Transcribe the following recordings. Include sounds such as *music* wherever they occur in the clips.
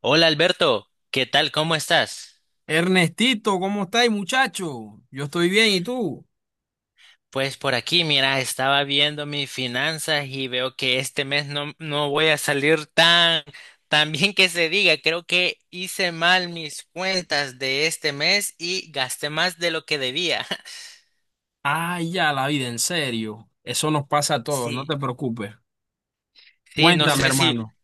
Hola Alberto, ¿qué tal? ¿Cómo estás? Ernestito, ¿cómo estáis, muchacho? Yo estoy bien, ¿y tú? Pues por aquí, mira, estaba viendo mis finanzas y veo que este mes no voy a salir tan bien que se diga. Creo que hice mal mis cuentas de este mes y gasté más de lo que debía. *laughs* Ay, ya la vida, en serio. Eso nos pasa a todos, no te Sí, preocupes. sí, no Cuéntame, sé hermano.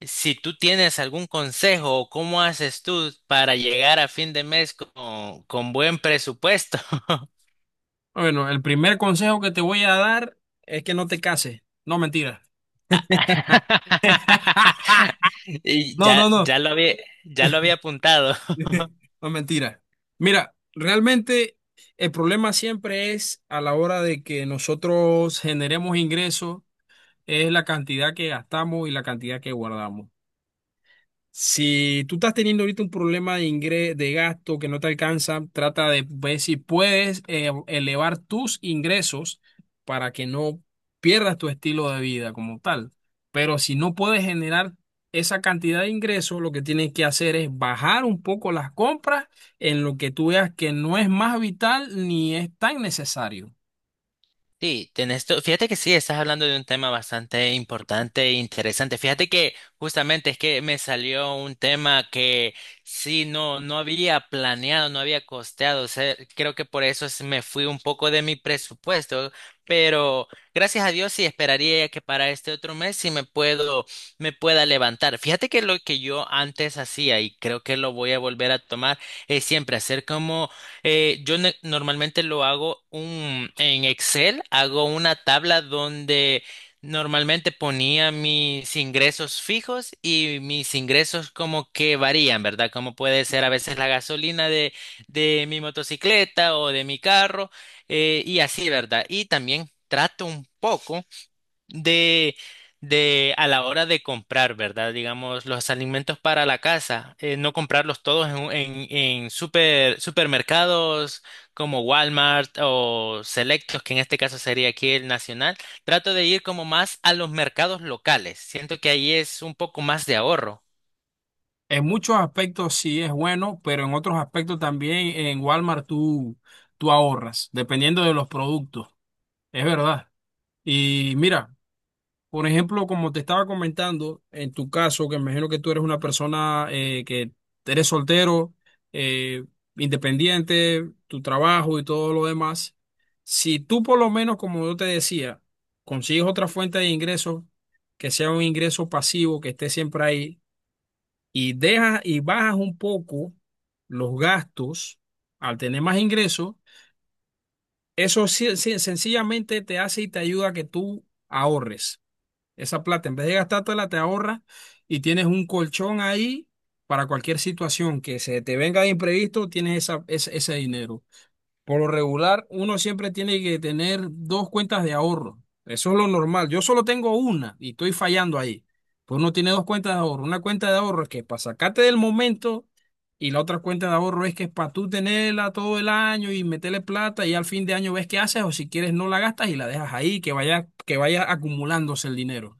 si tú tienes algún consejo o cómo haces tú para llegar a fin de mes con buen presupuesto. *laughs* Bueno, el primer consejo que te voy a dar es que no te cases. No, mentira. *laughs* *laughs* Y No, no, no. Ya lo había apuntado. *laughs* No, mentira. Mira, realmente el problema siempre es a la hora de que nosotros generemos ingresos, es la cantidad que gastamos y la cantidad que guardamos. Si tú estás teniendo ahorita un problema de gasto que no te alcanza, trata de ver si puedes elevar tus ingresos para que no pierdas tu estilo de vida como tal. Pero si no puedes generar esa cantidad de ingresos, lo que tienes que hacer es bajar un poco las compras en lo que tú veas que no es más vital ni es tan necesario. Sí, fíjate que sí, estás hablando de un tema bastante importante e interesante. Fíjate que justamente es que me salió un tema que sí, no había planeado, no había costeado. O sea, creo que me fui un poco de mi presupuesto, pero gracias a Dios sí esperaría que para este otro mes me pueda levantar. Fíjate que lo que yo antes hacía y creo que lo voy a volver a tomar es siempre hacer como normalmente en Excel, hago una tabla donde normalmente ponía mis ingresos fijos y mis ingresos como que varían, ¿verdad? Como puede ser a veces la gasolina de mi motocicleta o de mi carro, y así, ¿verdad? Y también trato un poco de, de a la hora de comprar, ¿verdad? Digamos, los alimentos para la casa, no comprarlos todos en supermercados como Walmart o Selectos, que en este caso sería aquí el Nacional. Trato de ir como más a los mercados locales. Siento que ahí es un poco más de ahorro. En muchos aspectos sí es bueno, pero en otros aspectos también en Walmart tú ahorras, dependiendo de los productos. Es verdad. Y mira, por ejemplo, como te estaba comentando, en tu caso, que me imagino que tú eres una persona que eres soltero, eh, independiente, tu trabajo y todo lo demás, si tú por lo menos, como yo te decía, consigues otra fuente de ingresos, que sea un ingreso pasivo, que esté siempre ahí, y dejas y bajas un poco los gastos al tener más ingresos, eso sencillamente te hace y te ayuda a que tú ahorres. Esa plata, en vez de gastártela, te ahorras y tienes un colchón ahí para cualquier situación que se te venga de imprevisto, tienes ese dinero. Por lo regular, uno siempre tiene que tener dos cuentas de ahorro. Eso es lo normal. Yo solo tengo una y estoy fallando ahí. Pues uno tiene dos cuentas de ahorro. Una cuenta de ahorro es que es para sacarte del momento y la otra cuenta de ahorro es que es para tú tenerla todo el año y meterle plata y al fin de año ves qué haces o si quieres no la gastas y la dejas ahí, que vaya acumulándose el dinero.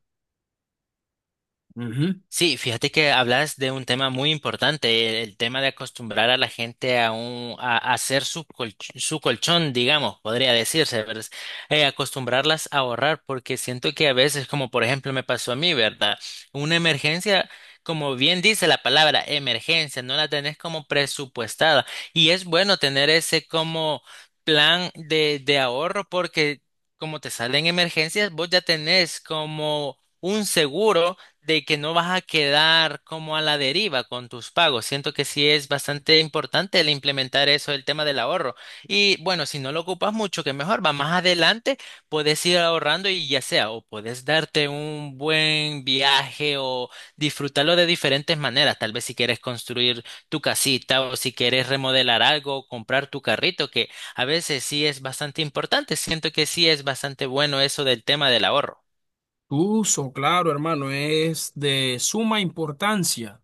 Ujú. Sí, fíjate que hablas de un tema muy importante, el tema de acostumbrar a la gente a hacer su colchón, digamos, podría decirse, ¿verdad? Acostumbrarlas a ahorrar, porque siento que a veces, como por ejemplo me pasó a mí, ¿verdad? Una emergencia, como bien dice la palabra emergencia, no la tenés como presupuestada. Y es bueno tener ese como plan de ahorro porque como te salen emergencias, vos ya tenés como un seguro de que no vas a quedar como a la deriva con tus pagos. Siento que sí es bastante importante el implementar eso, el tema del ahorro. Y bueno, si no lo ocupas mucho, que mejor, va más adelante, puedes ir ahorrando y ya sea, o puedes darte un buen viaje o disfrutarlo de diferentes maneras. Tal vez si quieres construir tu casita o si quieres remodelar algo, comprar tu carrito, que a veces sí es bastante importante. Siento que sí es bastante bueno eso del tema del ahorro. Uso, claro, hermano, es de suma importancia.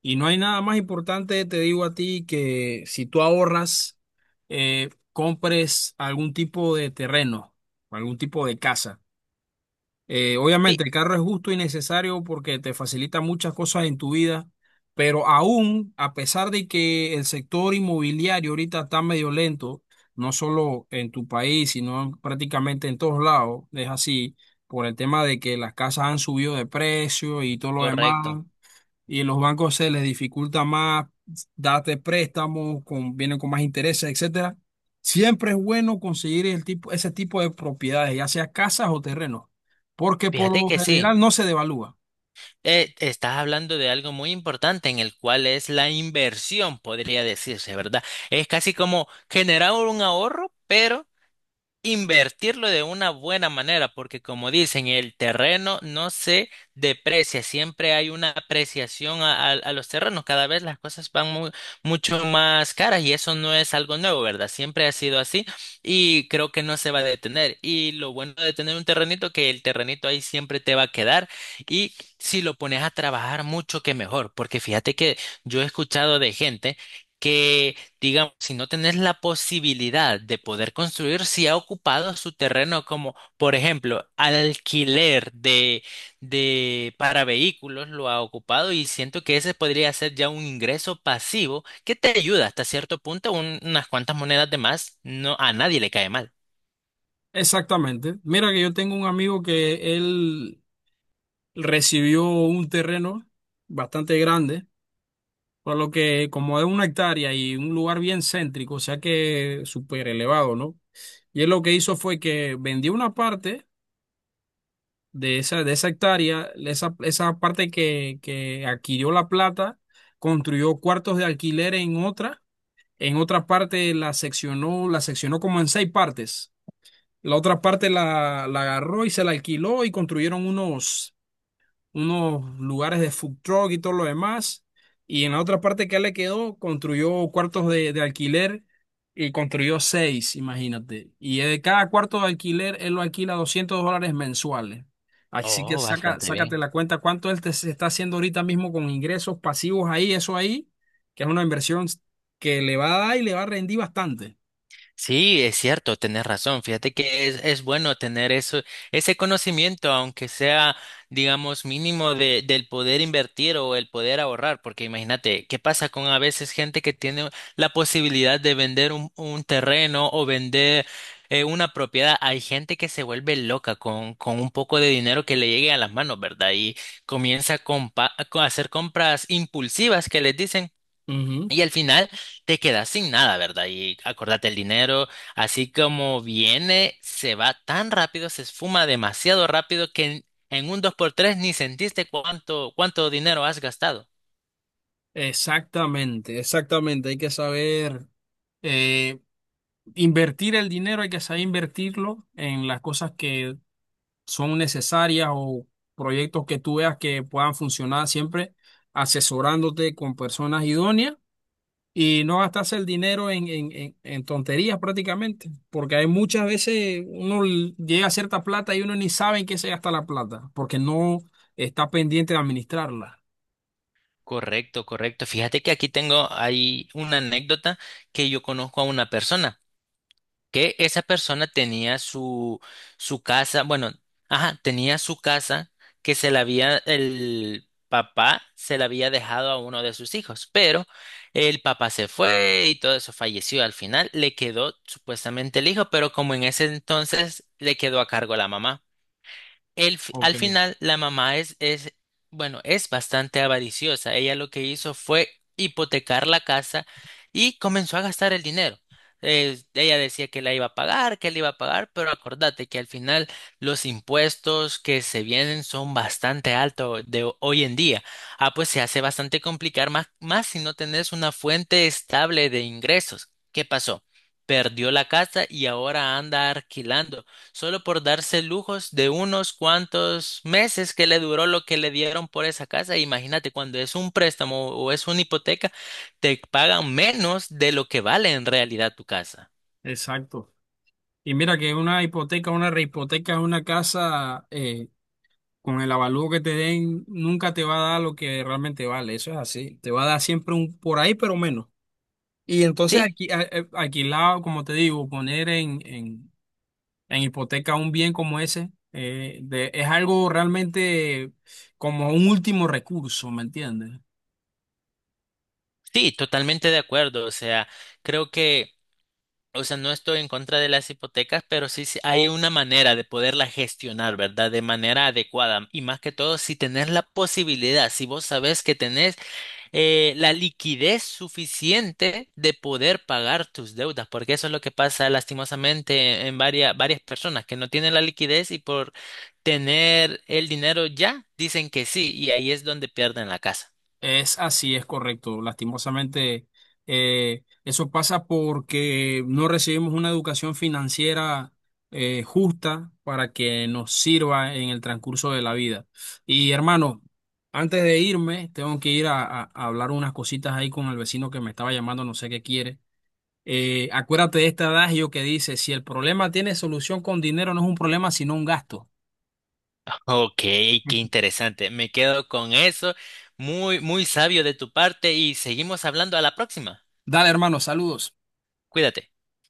Y no hay nada más importante, te digo a ti, que si tú ahorras, compres algún tipo de terreno, algún tipo de casa. Eh, Sí, obviamente el carro es justo y necesario porque te facilita muchas cosas en tu vida, pero aún a pesar de que el sector inmobiliario ahorita está medio lento, no solo en tu país, sino prácticamente en todos lados, es así, por el tema de que las casas han subido de precio y todo lo demás correcto. y en los bancos se les dificulta más darte préstamos, con, vienen con más intereses, etcétera. Siempre es bueno conseguir el tipo, ese tipo de propiedades, ya sea casas o terrenos, porque por Fíjate lo que sí. general no se devalúa. Estás hablando de algo muy importante en el cual es la inversión, podría decirse, ¿verdad? Es casi como generar un ahorro, pero invertirlo de una buena manera, porque como dicen, el terreno no se deprecia, siempre hay una apreciación a los terrenos, cada vez las cosas van mucho más caras y eso no es algo nuevo, ¿verdad? Siempre ha sido así y creo que no se va a detener. Y lo bueno de tener un terrenito, que el terrenito ahí siempre te va a quedar y si lo pones a trabajar mucho, que mejor, porque fíjate que yo he escuchado de gente que digamos, si no tenés la posibilidad de poder construir, si ha ocupado su terreno como, por ejemplo, alquiler de para vehículos, lo ha ocupado y siento que ese podría ser ya un ingreso pasivo que te ayuda hasta cierto punto, unas cuantas monedas de más, no, a nadie le cae mal. Exactamente. Mira que yo tengo un amigo que él recibió un terreno bastante grande, por lo que como de una hectárea y un lugar bien céntrico, o sea que súper elevado, ¿no? Y él lo que hizo fue que vendió una parte de esa hectárea, esa parte que adquirió la plata, construyó cuartos de alquiler en otra parte la seccionó como en seis partes. La otra parte la agarró y se la alquiló y construyeron unos lugares de food truck y todo lo demás. Y en la otra parte que le quedó, construyó cuartos de alquiler y construyó seis, imagínate. Y de cada cuarto de alquiler, él lo alquila $200 mensuales. Así que Oh, saca, bastante sácate bien. la cuenta cuánto él te se está haciendo ahorita mismo con ingresos pasivos ahí, eso ahí, que es una inversión que le va a dar y le va a rendir bastante. Sí, es cierto, tenés razón. Fíjate que es bueno tener eso, ese conocimiento, aunque sea, digamos, mínimo del poder invertir o el poder ahorrar, porque imagínate, ¿qué pasa con a veces gente que tiene la posibilidad de vender un terreno o vender una propiedad? Hay gente que se vuelve loca con un poco de dinero que le llegue a las manos, ¿verdad? Y comienza a hacer compras impulsivas que les dicen. Ujú. Y al final te quedas sin nada, ¿verdad? Y acordate, el dinero, así como viene, se va tan rápido, se esfuma demasiado rápido que en un dos por tres ni sentiste cuánto, cuánto dinero has gastado. Exactamente, exactamente. Hay que saber. eh, Invertir el dinero hay que saber invertirlo en las cosas que son necesarias o proyectos que tú veas que puedan funcionar siempre asesorándote con personas idóneas y no gastarse el dinero en tonterías prácticamente, porque hay muchas veces uno llega a cierta plata y uno ni sabe en qué se gasta la plata, porque no está pendiente de administrarla. Correcto, correcto. Fíjate que aquí tengo ahí una anécdota que yo conozco a una persona. Que esa persona tenía su casa, bueno, ajá, tenía su casa que el papá se la había dejado a uno de sus hijos, pero el papá se fue y todo eso falleció. Al final le quedó supuestamente el hijo, pero como en ese entonces le quedó a cargo la mamá. Ok, Al final, la mamá bueno, es bastante avariciosa. Ella lo que hizo fue hipotecar la casa y comenzó a gastar el dinero. Ella decía que la iba a pagar, que la iba a pagar, pero acordate que al final los impuestos que se vienen son bastante altos de hoy en día. Ah, pues se hace bastante complicar más, más si no tenés una fuente estable de ingresos. ¿Qué pasó? Perdió la casa y ahora anda alquilando. Solo por darse lujos de unos cuantos meses que le duró lo que le dieron por esa casa. Imagínate, cuando es un préstamo o es una hipoteca, te pagan menos de lo que vale en realidad tu casa. exacto. Y mira que una hipoteca, una rehipoteca, una casa, Con el avalúo que te den, nunca te va a dar lo que realmente vale, eso es así. Te va a dar siempre un por ahí, pero menos. Y entonces Sí, aquí, alquilado, como te digo, poner en, hipoteca un bien como ese, de- es algo realmente como un último recurso, ¿me entiendes? sí, totalmente de acuerdo. O sea, creo que, o sea, no estoy en contra de las hipotecas, pero sí, sí hay una manera de poderla gestionar, ¿verdad? De manera adecuada. Y más que todo, si tenés la posibilidad, si vos sabés que tenés la liquidez suficiente de poder pagar tus deudas, porque eso es lo que pasa lastimosamente en varias, varias personas que no tienen la liquidez y por tener el dinero ya dicen que sí y ahí es donde pierden la casa. Es así, es correcto. Lastimosamente, eso pasa porque no recibimos una educación financiera justa para que nos sirva en el transcurso de la vida. Y hermano, antes de irme, tengo que ir a hablar unas cositas ahí con el vecino que me estaba llamando, no sé qué quiere. Acuérdate de este adagio que dice, si el problema tiene solución con dinero, no es un problema, sino un gasto. Ok, qué interesante. Me quedo con eso. Muy, muy sabio de tu parte y seguimos hablando a la próxima. Dale, hermano, saludos. Cuídate.